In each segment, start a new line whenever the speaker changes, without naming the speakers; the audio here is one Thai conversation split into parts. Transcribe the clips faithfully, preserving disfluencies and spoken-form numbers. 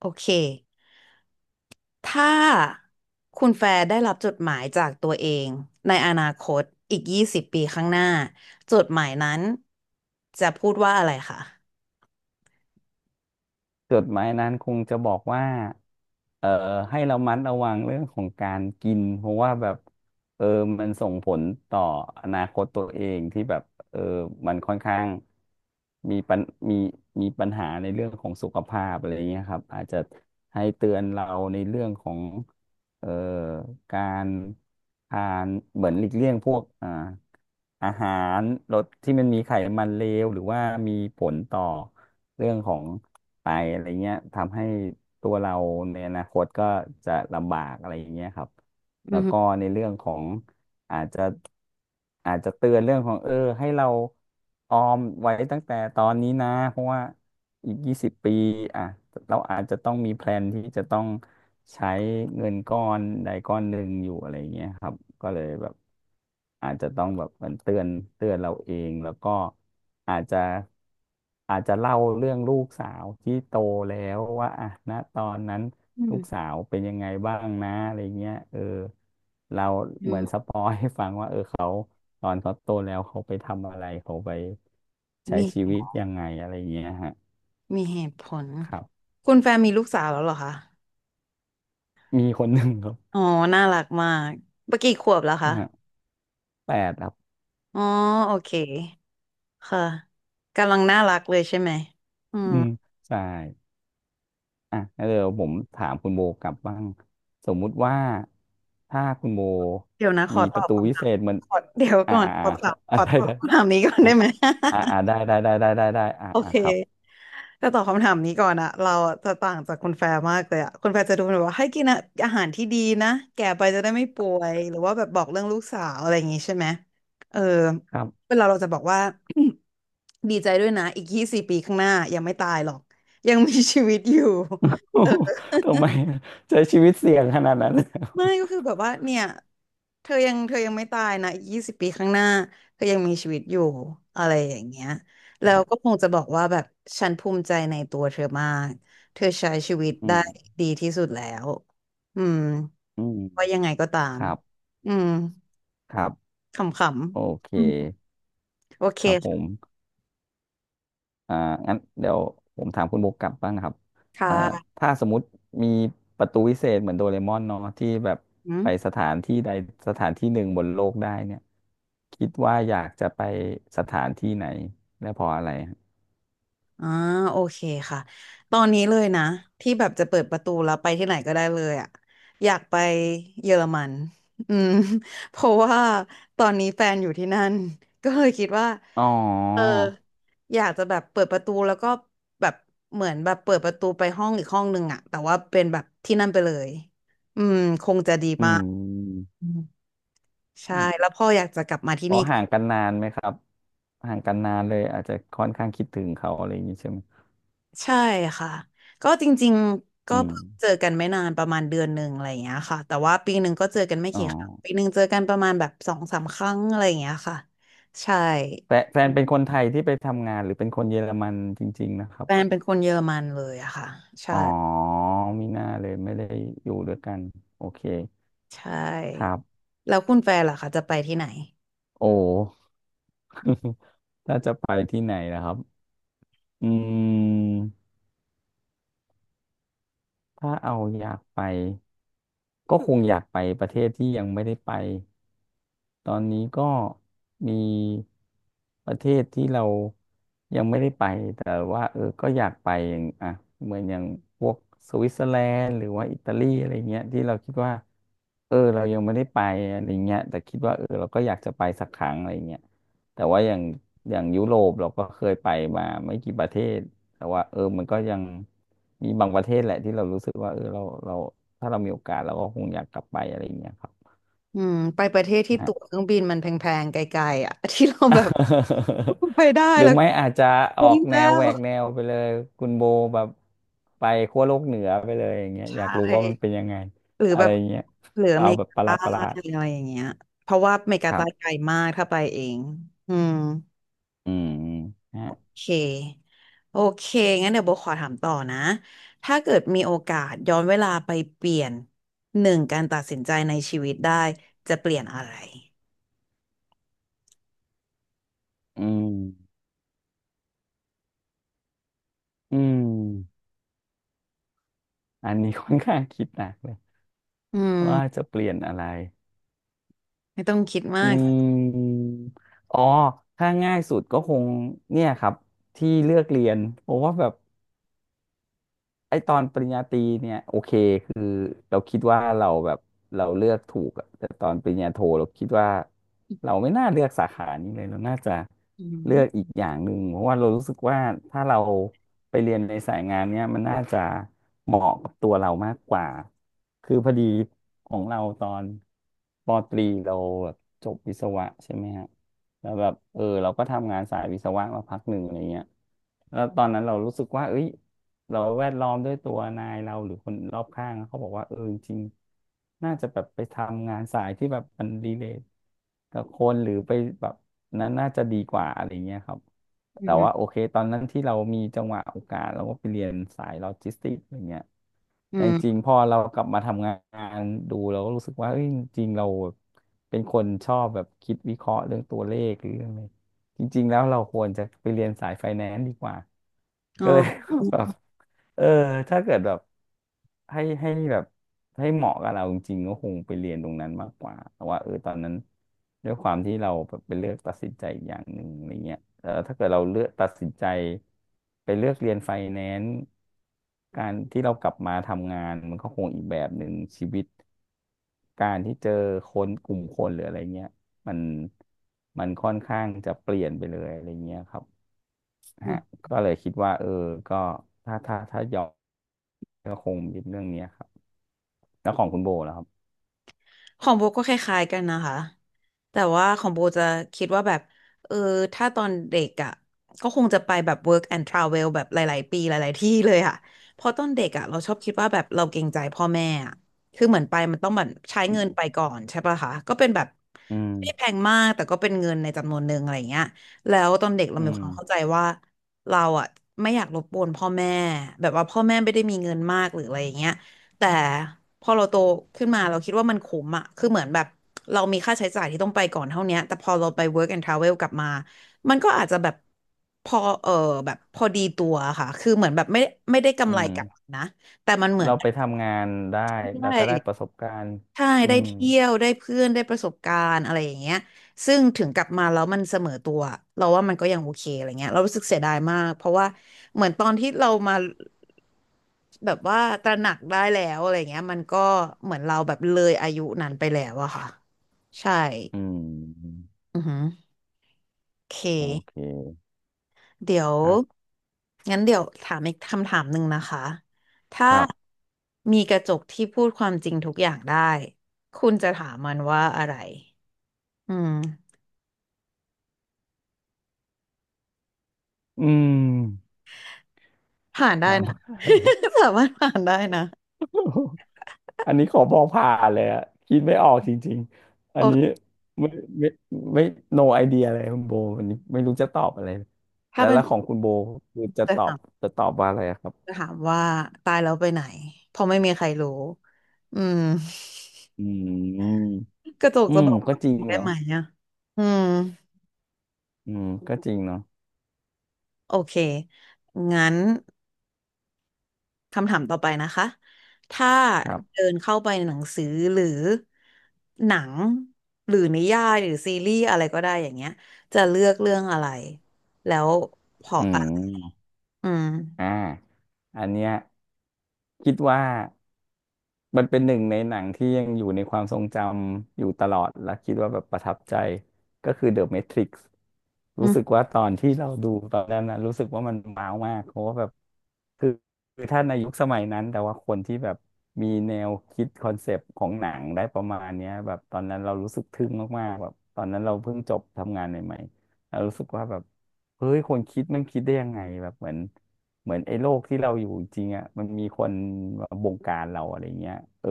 โอเค ถ้าคุณแฟร์ได้รับจดหมายจากตัวเองในอนาคตอีกยี่สิบปีข้างหน้าจดหมายนั้นจะพูดว่าอะไรคะ
จดหมายนั้นคงจะบอกว่าเอ่อให้เรามัดระวังเรื่องของการกินเพราะว่าแบบเออมันส่งผลต่ออนาคตตัวเองที่แบบเออมันค่อนข้างมีปัญมีมีปัญหาในเรื่องของสุขภาพอะไรเงี้ยครับอาจจะให้เตือนเราในเรื่องของเอ่อการทานเหมือนหลีกเลี่ยงพวกอ่า อาหารรสที่มันมีไขมันเลวหรือว่ามีผลต่อเรื่องของไตอะไรเงี้ยทำให้ตัวเราในอนาคตก็จะลำบากอะไรอย่างเงี้ยครับ
อื
แล้วก็
ม
ในเรื่องของ อาจจะอาจจะเตือนเรื่องของเออให้เราออมไว้ตั้งแต่ตอนนี้นะเพราะว่าอีกยี่สิบปีอ่ะเราอาจจะต้องมีแพลนที่จะต้องใช้เงินก้อนใดก้อนหนึ่งอยู่อะไรเงี้ยครับก็เลยแบบอาจจะต้องแบบเหมือนเตือนเตือนเราเองแล้วก็อาจจะ อาจจะเล่าเรื่องลูกสาวที่โตแล้วว่าอ่ะนะตอนนั้น
อื
ลูก
ม
สาวเป็นยังไงบ้างนะอะไรเงี้ยเออเรา
อื
เหมือนส
ม
ปอยให้ฟังว่าเออเขาตอนเขาโตแล้วเขาไปทำอะไรเขาไปใช้
มี
ชีวิตยังไงอะไรเงี้ยฮะ
มีเหตุผล
ครับ
คุณแฟร์มีลูกสาวแล้วเหรอคะ
มีคนหนึ่งครับ
อ๋อน่ารักมากเมื่อกี้ขวบแล้วคะ
อ่าะแปดครับ
อ๋อโอเคค่ะกำลังน่ารักเลยใช่ไหมอืม
อืมใช่อ่ะเดี๋ยวผมถามคุณโบกลับบ้างสมมุติว่าถ้าคุณโบ
เดี๋ยวนะขอ
มี
ต
ป
อ
ระ
บ
ตูวิ
คำถา
เศ
ม
ษเหมัน
ขอเดี๋ยว
อ่า
ก่อน
อ่า
ข
อ่า
อตอ
เขา
บข
อะ
อ
ไร
ตอบ
นะ
คำถามนี้ก่อน
อ่ะ
ได้ไหม
อ่าอ่าได้ได้ได้ได้ได้ได้อ่า
โอ
อ่า
เค
ครับ
แต่ตอบคำถามนี้ก่อนอะเราจะต่างจากคุณแฟร์มากเลยอะคุณแฟร์จะดูแบบว่าให้กินอะอาหารที่ดีนะแก่ไปจะได้ไม่ป่วยหรือว่าแบบบอกเรื่องลูกสาวอะไรอย่างงี้ใช่ไหมเออ
ครับ
เวลาเราจะบอกว่า ดีใจด้วยนะอีกยี่สิบปีข้างหน้ายังไม่ตายหรอกยังมีชีวิตอยู่
โอ้โห ทำไมใช้ชีวิตเสี่ยงขนาดนั้น
ไม่ก็คือแบบว่าเนี่ยเธอยังเธอยังไม่ตายนะอีกยี่สิบปีข้างหน้าเธอยังมีชีวิตอยู่อะไรอย่างเงี้ย
ค
แล้ว
รั
ก็
บ
คงจะบอกว่าแบบฉันภูมิใจในตัวเธอมากเธอใช้ชีวิต
อื
ได้
ม
ดีที่สุดแล้วอืม
อืม
ว่ายังไงก็ตา
ค
ม
รับ
อืม
ครับ
ข
โอ
ำ
เค
ๆอืมโอเค
ครับผมอ่างั้นเดี๋ยวผมถามคุณโบกกลับบ้างนะครับ
ค
เอ่อ
่ะ
ถ้าสมมติมีประตูวิเศษเหมือนโดเรมอนเนาะที่แบบ
อื
ไป
ม
สถานที่ใดสถานที่หนึ่งบนโลกได้เนี่ย คิดว่าอยากจะไปสถานที่ไหนและเพราะอะไรฮะ
อ่าโอเคค่ะตอนนี้เลยนะที่แบบจะเปิดประตูแล้วไปที่ไหนก็ได้เลยอ่ะอยากไปเยอรมันอืม เพราะว่าตอนนี้แฟนอยู่ที่นั่นก็เลยคิดว่า
อ๋อ
เอออยากจะแบบเปิดประตูแล้วก็แบบเหมือนแบบเปิดประตูไปห้องอีกห้องหนึ่งอ่ะแต่ว่าเป็นแบบที่นั่นไปเลยอืมคงจะดี
อื
มาก
ม
อืมใช่แล้วพ่ออยากจะกลับมาที่
อ๋อ
นี่
ห่างกันนานไหมครับห่างกันนานเลยอาจจะค่อนข้างคิดถึงเขาอะไรอย่างนี้ใช่ไหม
ใช่ค่ะก็จริงๆก็
อืม
เพิ่งเจอกันไม่นานประมาณเดือนหนึ่งอะไรอย่างเงี้ยค่ะแต่ว่าปีหนึ่งก็เจอกันไม่
อ๋อ
กี่ครั้งปีหนึ่งเจอกันประมาณแบบสองสามครั้งอะไรอย่างเงี้ยค่ะใช่
แต่แฟนเป็นคนไทยที่ไปทำงานหรือเป็นคนเยอรมันจริงๆนะครับ
แฟนเป็นคนเยอรมันเลยอะค่ะใช่
อ๋อมีหน้าเลยไม่ได้อยู่ด้วยกันโอเค
ใช
ครั
่
บ
แล้วคุณแฟนล่ะคะจะไปที่ไหน
โอ้ ถ้าจะไปที่ไหนนะครับอืมถ้าเอาอยากไปก็คงอยากไปประเทศที่ยังไม่ได้ไป ตอนนี้ก็มีประเทศที่เรายังไม่ได้ไปแต่ว่าเออก็อยากไปอย่างอ่ะเหมือนอย่างพวกสวิตเซอร์แลนด์หรือว่าอิตาลีอะไรเงี้ยที่เราคิดว่าเออเรายังไม่ได้ไปอะไรเงี้ยแต่คิดว่าเออเราก็อยากจะไปสักครั้งอะไรเงี้ยแต่ว่าอย่างอย่างยุโรปเราก็เคยไปมาไม่กี่ประเทศแต่ว่าเออมันก็ยังมีบางประเทศแหละที่เรารู้สึกว่าเออเราเราถ้าเรามีโอกาสเราก็คงอยากกลับไปอะไรเงี้ยครับ
อืมไปประเทศที่ตั๋วเครื่องบินมันแพงๆไกลๆอะ ที่เราแบบ ไปได้
หรือ
แล้ว
ไม่อาจจะออ
คุ้ม
กแน
แล้
วแห
ว
วกแนวไปเลยคุณโบแบบไปขั้วโลกเหนือไปเลยอย่างเงี้ย
ใช
อยากรู้ว่ามันเป็
่
นยังไง
หรือ
อะ
แบ
ไร
บ
เงี้ย
หรืออ
เอา
เมริ
แบบ
กา
ประหลา
ใต้
ดประหลาด
อะไรอย่างเงี้ยเพราะว่าอเมริกา
ครั
ใต้
บ
ไกลมากถ้าไปเองอืม
อืมฮะ
โอเคโอเคงั้นเดี๋ยวโบขอถามต่อนะถ้าเกิดมีโอกาสย้อนเวลาไปเปลี่ยนหนึ่งการตัดสินใจในชีวิตได้จะเปลี่ยนอะไร
อืมอืมอันนี้ค่อนข้างคิดหนักเลย
อื
ว่า
ม
จะเปลี่ยนอะไร
ไม่ต้องคิด
อื
มาก
มอ๋อถ้าง่ายสุดก็คงเนี่ยครับที่เลือกเรียนผมว่าแบบ ไอตอนปริญญาตรีเนี่ยโอเคคือเราคิดว่าเราแบบเราเลือกถูกอะแต่ตอนปริญญาโทเราคิดว่าเราไม่น่าเลือกสาขานี้เลยเราน่าจะ
อื
เลือก
ม
อีกอย่างหนึ่งเพราะว่าเรารู้สึกว่าถ้าเราไปเรียนในสายงานเนี่ยมันน่าจะเหมาะกับตัวเรามากกว่าคือพอดีของเราตอนปตรีเราแบบจบวิศวะใช่ไหมฮะแล้วแบบเออเราก็ทำงานสายวิศวะมาพักหนึ่งอะไรเงี้ยแล้วตอนนั้นเรารู้สึกว่าเอ้ย เราแวดล้อมด้วยตัวนายเราหรือคนรอบข้างเขาบอกว่าเออจริงๆน่าจะแบบไปทำงานสายที่แบบมันรีเลทกับคนหรือไปแบบนั้นน่าจะดีกว่าอะไรเงี้ยครับ
อื
แต่ว่า
ม
โอเคตอนนั้นที่เรามีจังหวะโอกาสเราก็ไปเรียนสายโลจิสติกส์อะไรเงี้ย
อื
แต่จริง
ม
ๆพอเรากลับมาทำงานดูเราก็รู้สึกว่าเอ้ยจริงๆเราเป็นคนชอบแบบคิดวิเคราะห์เรื่องตัวเลขหรือเรื่องอะไรจริงๆแล้วเราควรจะไปเรียนสายไฟแนนซ์ดีกว่า
อ๋
ก็
อ
เลย แบบ เออถ้าเกิดแบบให้ให้แบบให้เหมาะกับเราจริงๆก็คงไปเรียนตรงนั้นมากกว่าแต่ว่าเออตอนนั้นด้วยความที่เราแบบไปเลือกตัดสินใจอกอย่างหนึ่งอะไรเงี้ยแต่ถ้าเกิดเราเลือกตัดสินใจไปเลือกเรียนไฟแนนซ์การที่เรากลับมาทำงานมันก็คงอีกแบบหนึ่งชีวิตการที่เจอคนกลุ่มคนหรืออะไรเงี้ยมันมันค่อนข้างจะเปลี่ยนไปเลยอะไรเงี้ยครับฮะก็เลยคิดว่าเออก็ถ้าถ้าถ้าย้อ ก็คงเป็นเรื่องเนี้ยครับแล้วของคุณโบแล้วครับ
ของโบก็คล้ายๆกันนะคะแต่ว่าของโบจะคิดว่าแบบเออถ้าตอนเด็กอ่ะก็คงจะไปแบบ work and travel แบบหลายๆปีหลายๆที่เลยค่ะเพราะตอนเด็กอ่ะเราชอบคิดว่าแบบเราเกรงใจพ่อแม่อะคือเหมือนไปมันต้องแบบใช้เงินไปก่อนใช่ปะคะก็เป็นแบบ
อื
ไม่ได้แพ
ม
งมากแต่ก็เป็นเงินในจำนวนหนึ่งอะไรอย่างเงี้ยแล้วตอนเด็กเรา
อื
มี
ม
ความเข้าใจว่าเราอ่ะไม่อยากรบกวนพ่อแม่แบบว่าพ่อแม่ไม่ได้มีเงินมากหรืออะไรอย่างเงี้ย แต่พอเราโตขึ้นมาเราคิดว่ามันคุ้มอะคือเหมือนแบบเรามีค่าใช้จ่ายที่ต้องไปก่อนเท่าเนี้ยแต่พอเราไป work and travel กลับมามันก็อาจจะแบบพอเออแบบพอดีตัวค่ะคือเหมือนแบบไม่ไม่ได้
อื
กำไร
ม
กลับมานะแต่มันเหมือ
เรา
น
ไปทำงานได้
ได
แล้วก็ได้ประ
้
สบการณ์
ใช่
อื
ได้
ม
เที่ยวได้เพื่อนได้ประสบการณ์อะไรอย่างเงี้ยซึ่งถึงกลับมาแล้วมันเสมอตัวเราว่ามันก็ยังโอเคอะไรเงี้ยเรารู้สึกเสียดายมากเพราะว่าเหมือนตอนที่เรามา แบบว่าตระหนักได้แล้วอะไรเงี้ยมันก็เหมือนเราแบบเลยอายุนั้นไปแล้วอะค่ะใช่
อืม
อือหือโอเค
โอเค
เดี๋ยว
ครับ
งั้นเดี๋ยวถามอีกคำถามหนึ่งนะคะถ้า
ครับ
มีกระจกที่พูดความจริงทุกอย่างได้คุณจะถามมันว่าอะไรอืม
อืม
ผ่านได้
ถาม
นะ สามารถผ่านได้นะ
อัน นี้ขอบอกผ่านเลยอะคิดไม่ออกจริงๆอั
โอ
นนี้
เค
ไม่ไม่ไม่ no idea เลยคุณโบวันนี้ไม่รู้จะตอบอะไร
ถ้า
แล้ว
เป็
แล้
น
วของคุณโบคือจะ
จะ
ตอ
ถา
บ
ม
จะตอบว่าอะไรอะครับ
จะถามว่าตายแล้วไปไหนเพราะไม่มีใครรู้อืม
อืม
กระจก
อื
จะ
ม
บอก
ก็จริง
ได้
เนาะ
ไหมอ่ะอืม
อืมก็จริงเนาะ
โอเคงั้นคำถามต่อไปนะคะถ้า
ครับ
เดินเข้าไปในหนังสือหรือหนังหรือนิยายหรือซีรีส์อะไรก็ได้อย่างเงี้ยจะเลือกเรื่องอะไรแล้วเพราะ
อื
อะ
ม
อืม
อ่าอันเนี้ยคิดว่า มันเป็นหนึ่งในหนังที่ยังอยู่ในความทรงจำอยู่ตลอดและคิดว่าแบบประทับใจก็คือ The Matrix
อื
รู้
ม
สึกว่าตอนที่เราดูตอนนั้นนะรู้สึกว่ามันว้าวมากเพราะว่าแบบคือคือถ้าในยุคสมัยนั้นแต่ว่าคนที่แบบมีแนวคิดคอนเซปต์ของหนังได้ประมาณเนี้ยแบบตอนนั้นเรารู้สึกทึ่งมากๆแบบตอนนั้นเราเพิ่งจบทำงานใหม่ๆเรารู้สึกว่าแบบเฮ้ยคนคิดมันคิดได้ยังไงแบบเหมือน เหมือนไอ้โลกที่เราอยู่จริงอ่ะมันมีคนมาบงการเราอะไรเงี้ยเออ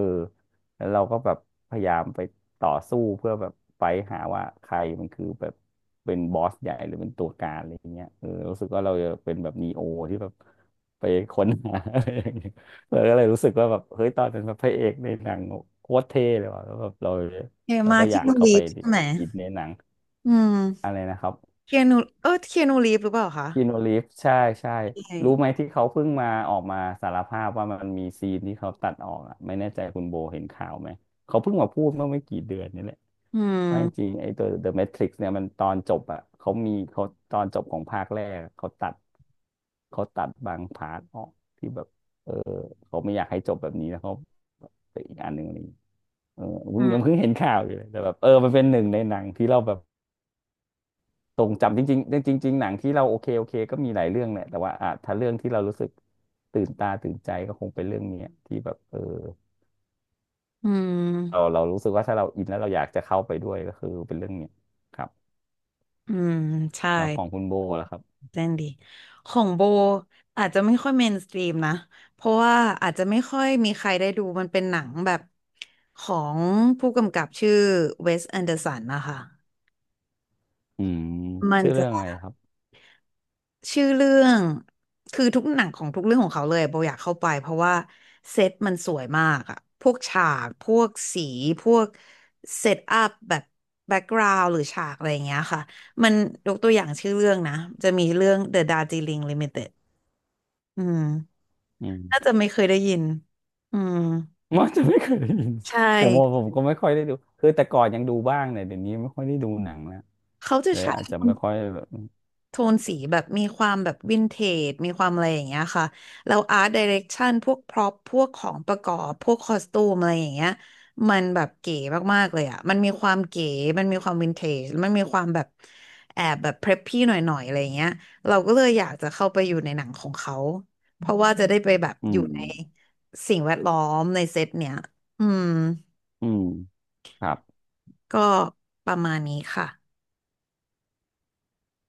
แล้วเราก็แบบพยายามไปต่อสู้เพื่อแบบไปหาว่าใครมันคือแบบเป็นบอสใหญ่หรือเป็นตัวการอะไรเงี้ยเออรู้สึกว่าเราจะเป็นแบบนีโอที่แบบไปค้นหา อะไรอย่างเงี้ยเราก็เลยรู้สึกว่าแบบเฮ้ยตอนนั้นแบบพระเอกในหนังโคตรเท่เลยว่ะแล้วแบบเรา
เอ
เรา
มา
ก็อ
เคีย
ยาก
นู
เข้า
รี
ไป
ฟใช่ไหม
อินในหนัง
อืม
อะไรนะครับ
เคียนูเออเคียนูรีฟหรือเปล่าคะ
คีนูรีฟใช่ใช่
ใช่
รู้ไหมที่เขาเพิ่งมาออกมาสารภาพว่ามันมีซีนที่เขาตัดออกอ่ะไม่แน่ใจคุณโบเห็นข่าวไหมเขาเพิ่งมาพูดเมื่อไม่กี่เดือนนี่แหละ
อื
ว่าจริ
ม
งๆไอ้ตัว The Matrix เนี่ยมันตอนจบอ่ะเขามีเขาตอนจบของภาคแรกอะเขาตัดเขาตัดบางพาร์ทออกที่แบบเออเขาไม่อยากให้จบแบบนี้แล้วเขาไปอีกอันหนึ่งอะไรอย่างงี้เออ
อื
เพิ่งยัง
ม
เพิ่งเห็นข่าวอยู่เลยแต่แบบเออมันเป็นหนึ่งในหนังที่เราแบบ ตรงจำจริงๆจริงจริงๆหนังที่เราโอเคโอเคก็มีหลายเรื่องแหละแต่ว่าอ่ะถ้าเรื่องที่เรารู้สึกตื่นตาตื่นใจก็คงเป็นเรื่องเนี้ยที่แบบเออ
อื
เรา
ม
เรารู้สึกว่าถ้าเราอินแล้วเราอยากจะเข้าไปด้วยก็คือเป็นเรื่องเนี้ยครับ
อืมใช่
แล้วของคุณโบล่ะครับ
เล่นดี ของโบอาจจะไม่ค่อยเมนสตรีมนะ เพราะว่าอาจจะไม่ค่อยมีใครได้ดูมันเป็นหนังแบบของผู้กำกับชื่อเวสแอนเดอร์สันนะคะ
อืม
มัน
ชื่อ
จะ
เรื่องอะไรครับ
ชื่อเรื่องคือทุกหนังของทุกเรื่องของเขาเลยโบอยากเข้าไปเพราะว่าเซตมันสวยมากอะพวกฉากพวกสีพวกเซตอัพแบบแบ็กกราวด์หรือฉากอะไรอย่างเงี้ยค่ะ มันยกตัวอย่างชื่อเรื่องนะจะมีเรื่อง The Darjeeling Limited อืม
อื
น่า
ม
จะไม่เคยได้ยินอืม
มันจะไม่เคยได้ยิน
ใช
ผมว่า
่
ผมก็ไม่ค่อยได้ดูคือแต่ก่อนยังดูบ้างเนี่ยเดี๋ยวนี้ไม่ค่อยได้ดูหนังแล้ว
เขาจะ
เลย
ใช้
อาจจะไม่ค่อย
โทนสีแบบมีความแบบวินเทจมีความอะไรอย่างเงี้ยค่ะแล้วอาร์ตไดิเรกชันพวกพร็อพพวกของประกอบพวกคอสตูมอะไรอย่างเงี้ยมันแบบเก๋มากๆเลยอ่ะมันมีความเก๋มันมีความวินเทจมันมีความแบบแอบแบบเพรพพี่หน่อยๆอะไรอย่างเงี้ยเราก็เลยอยากจะเข้าไปอยู่ในหนังของเขาเพราะว่าจะได้ไปแบบ
อื
อยู่
ม
ในสิ่งแวดล้อมในเซตเนี้ยอืม
อืมครับ
ก็ประมาณนี้ค่ะ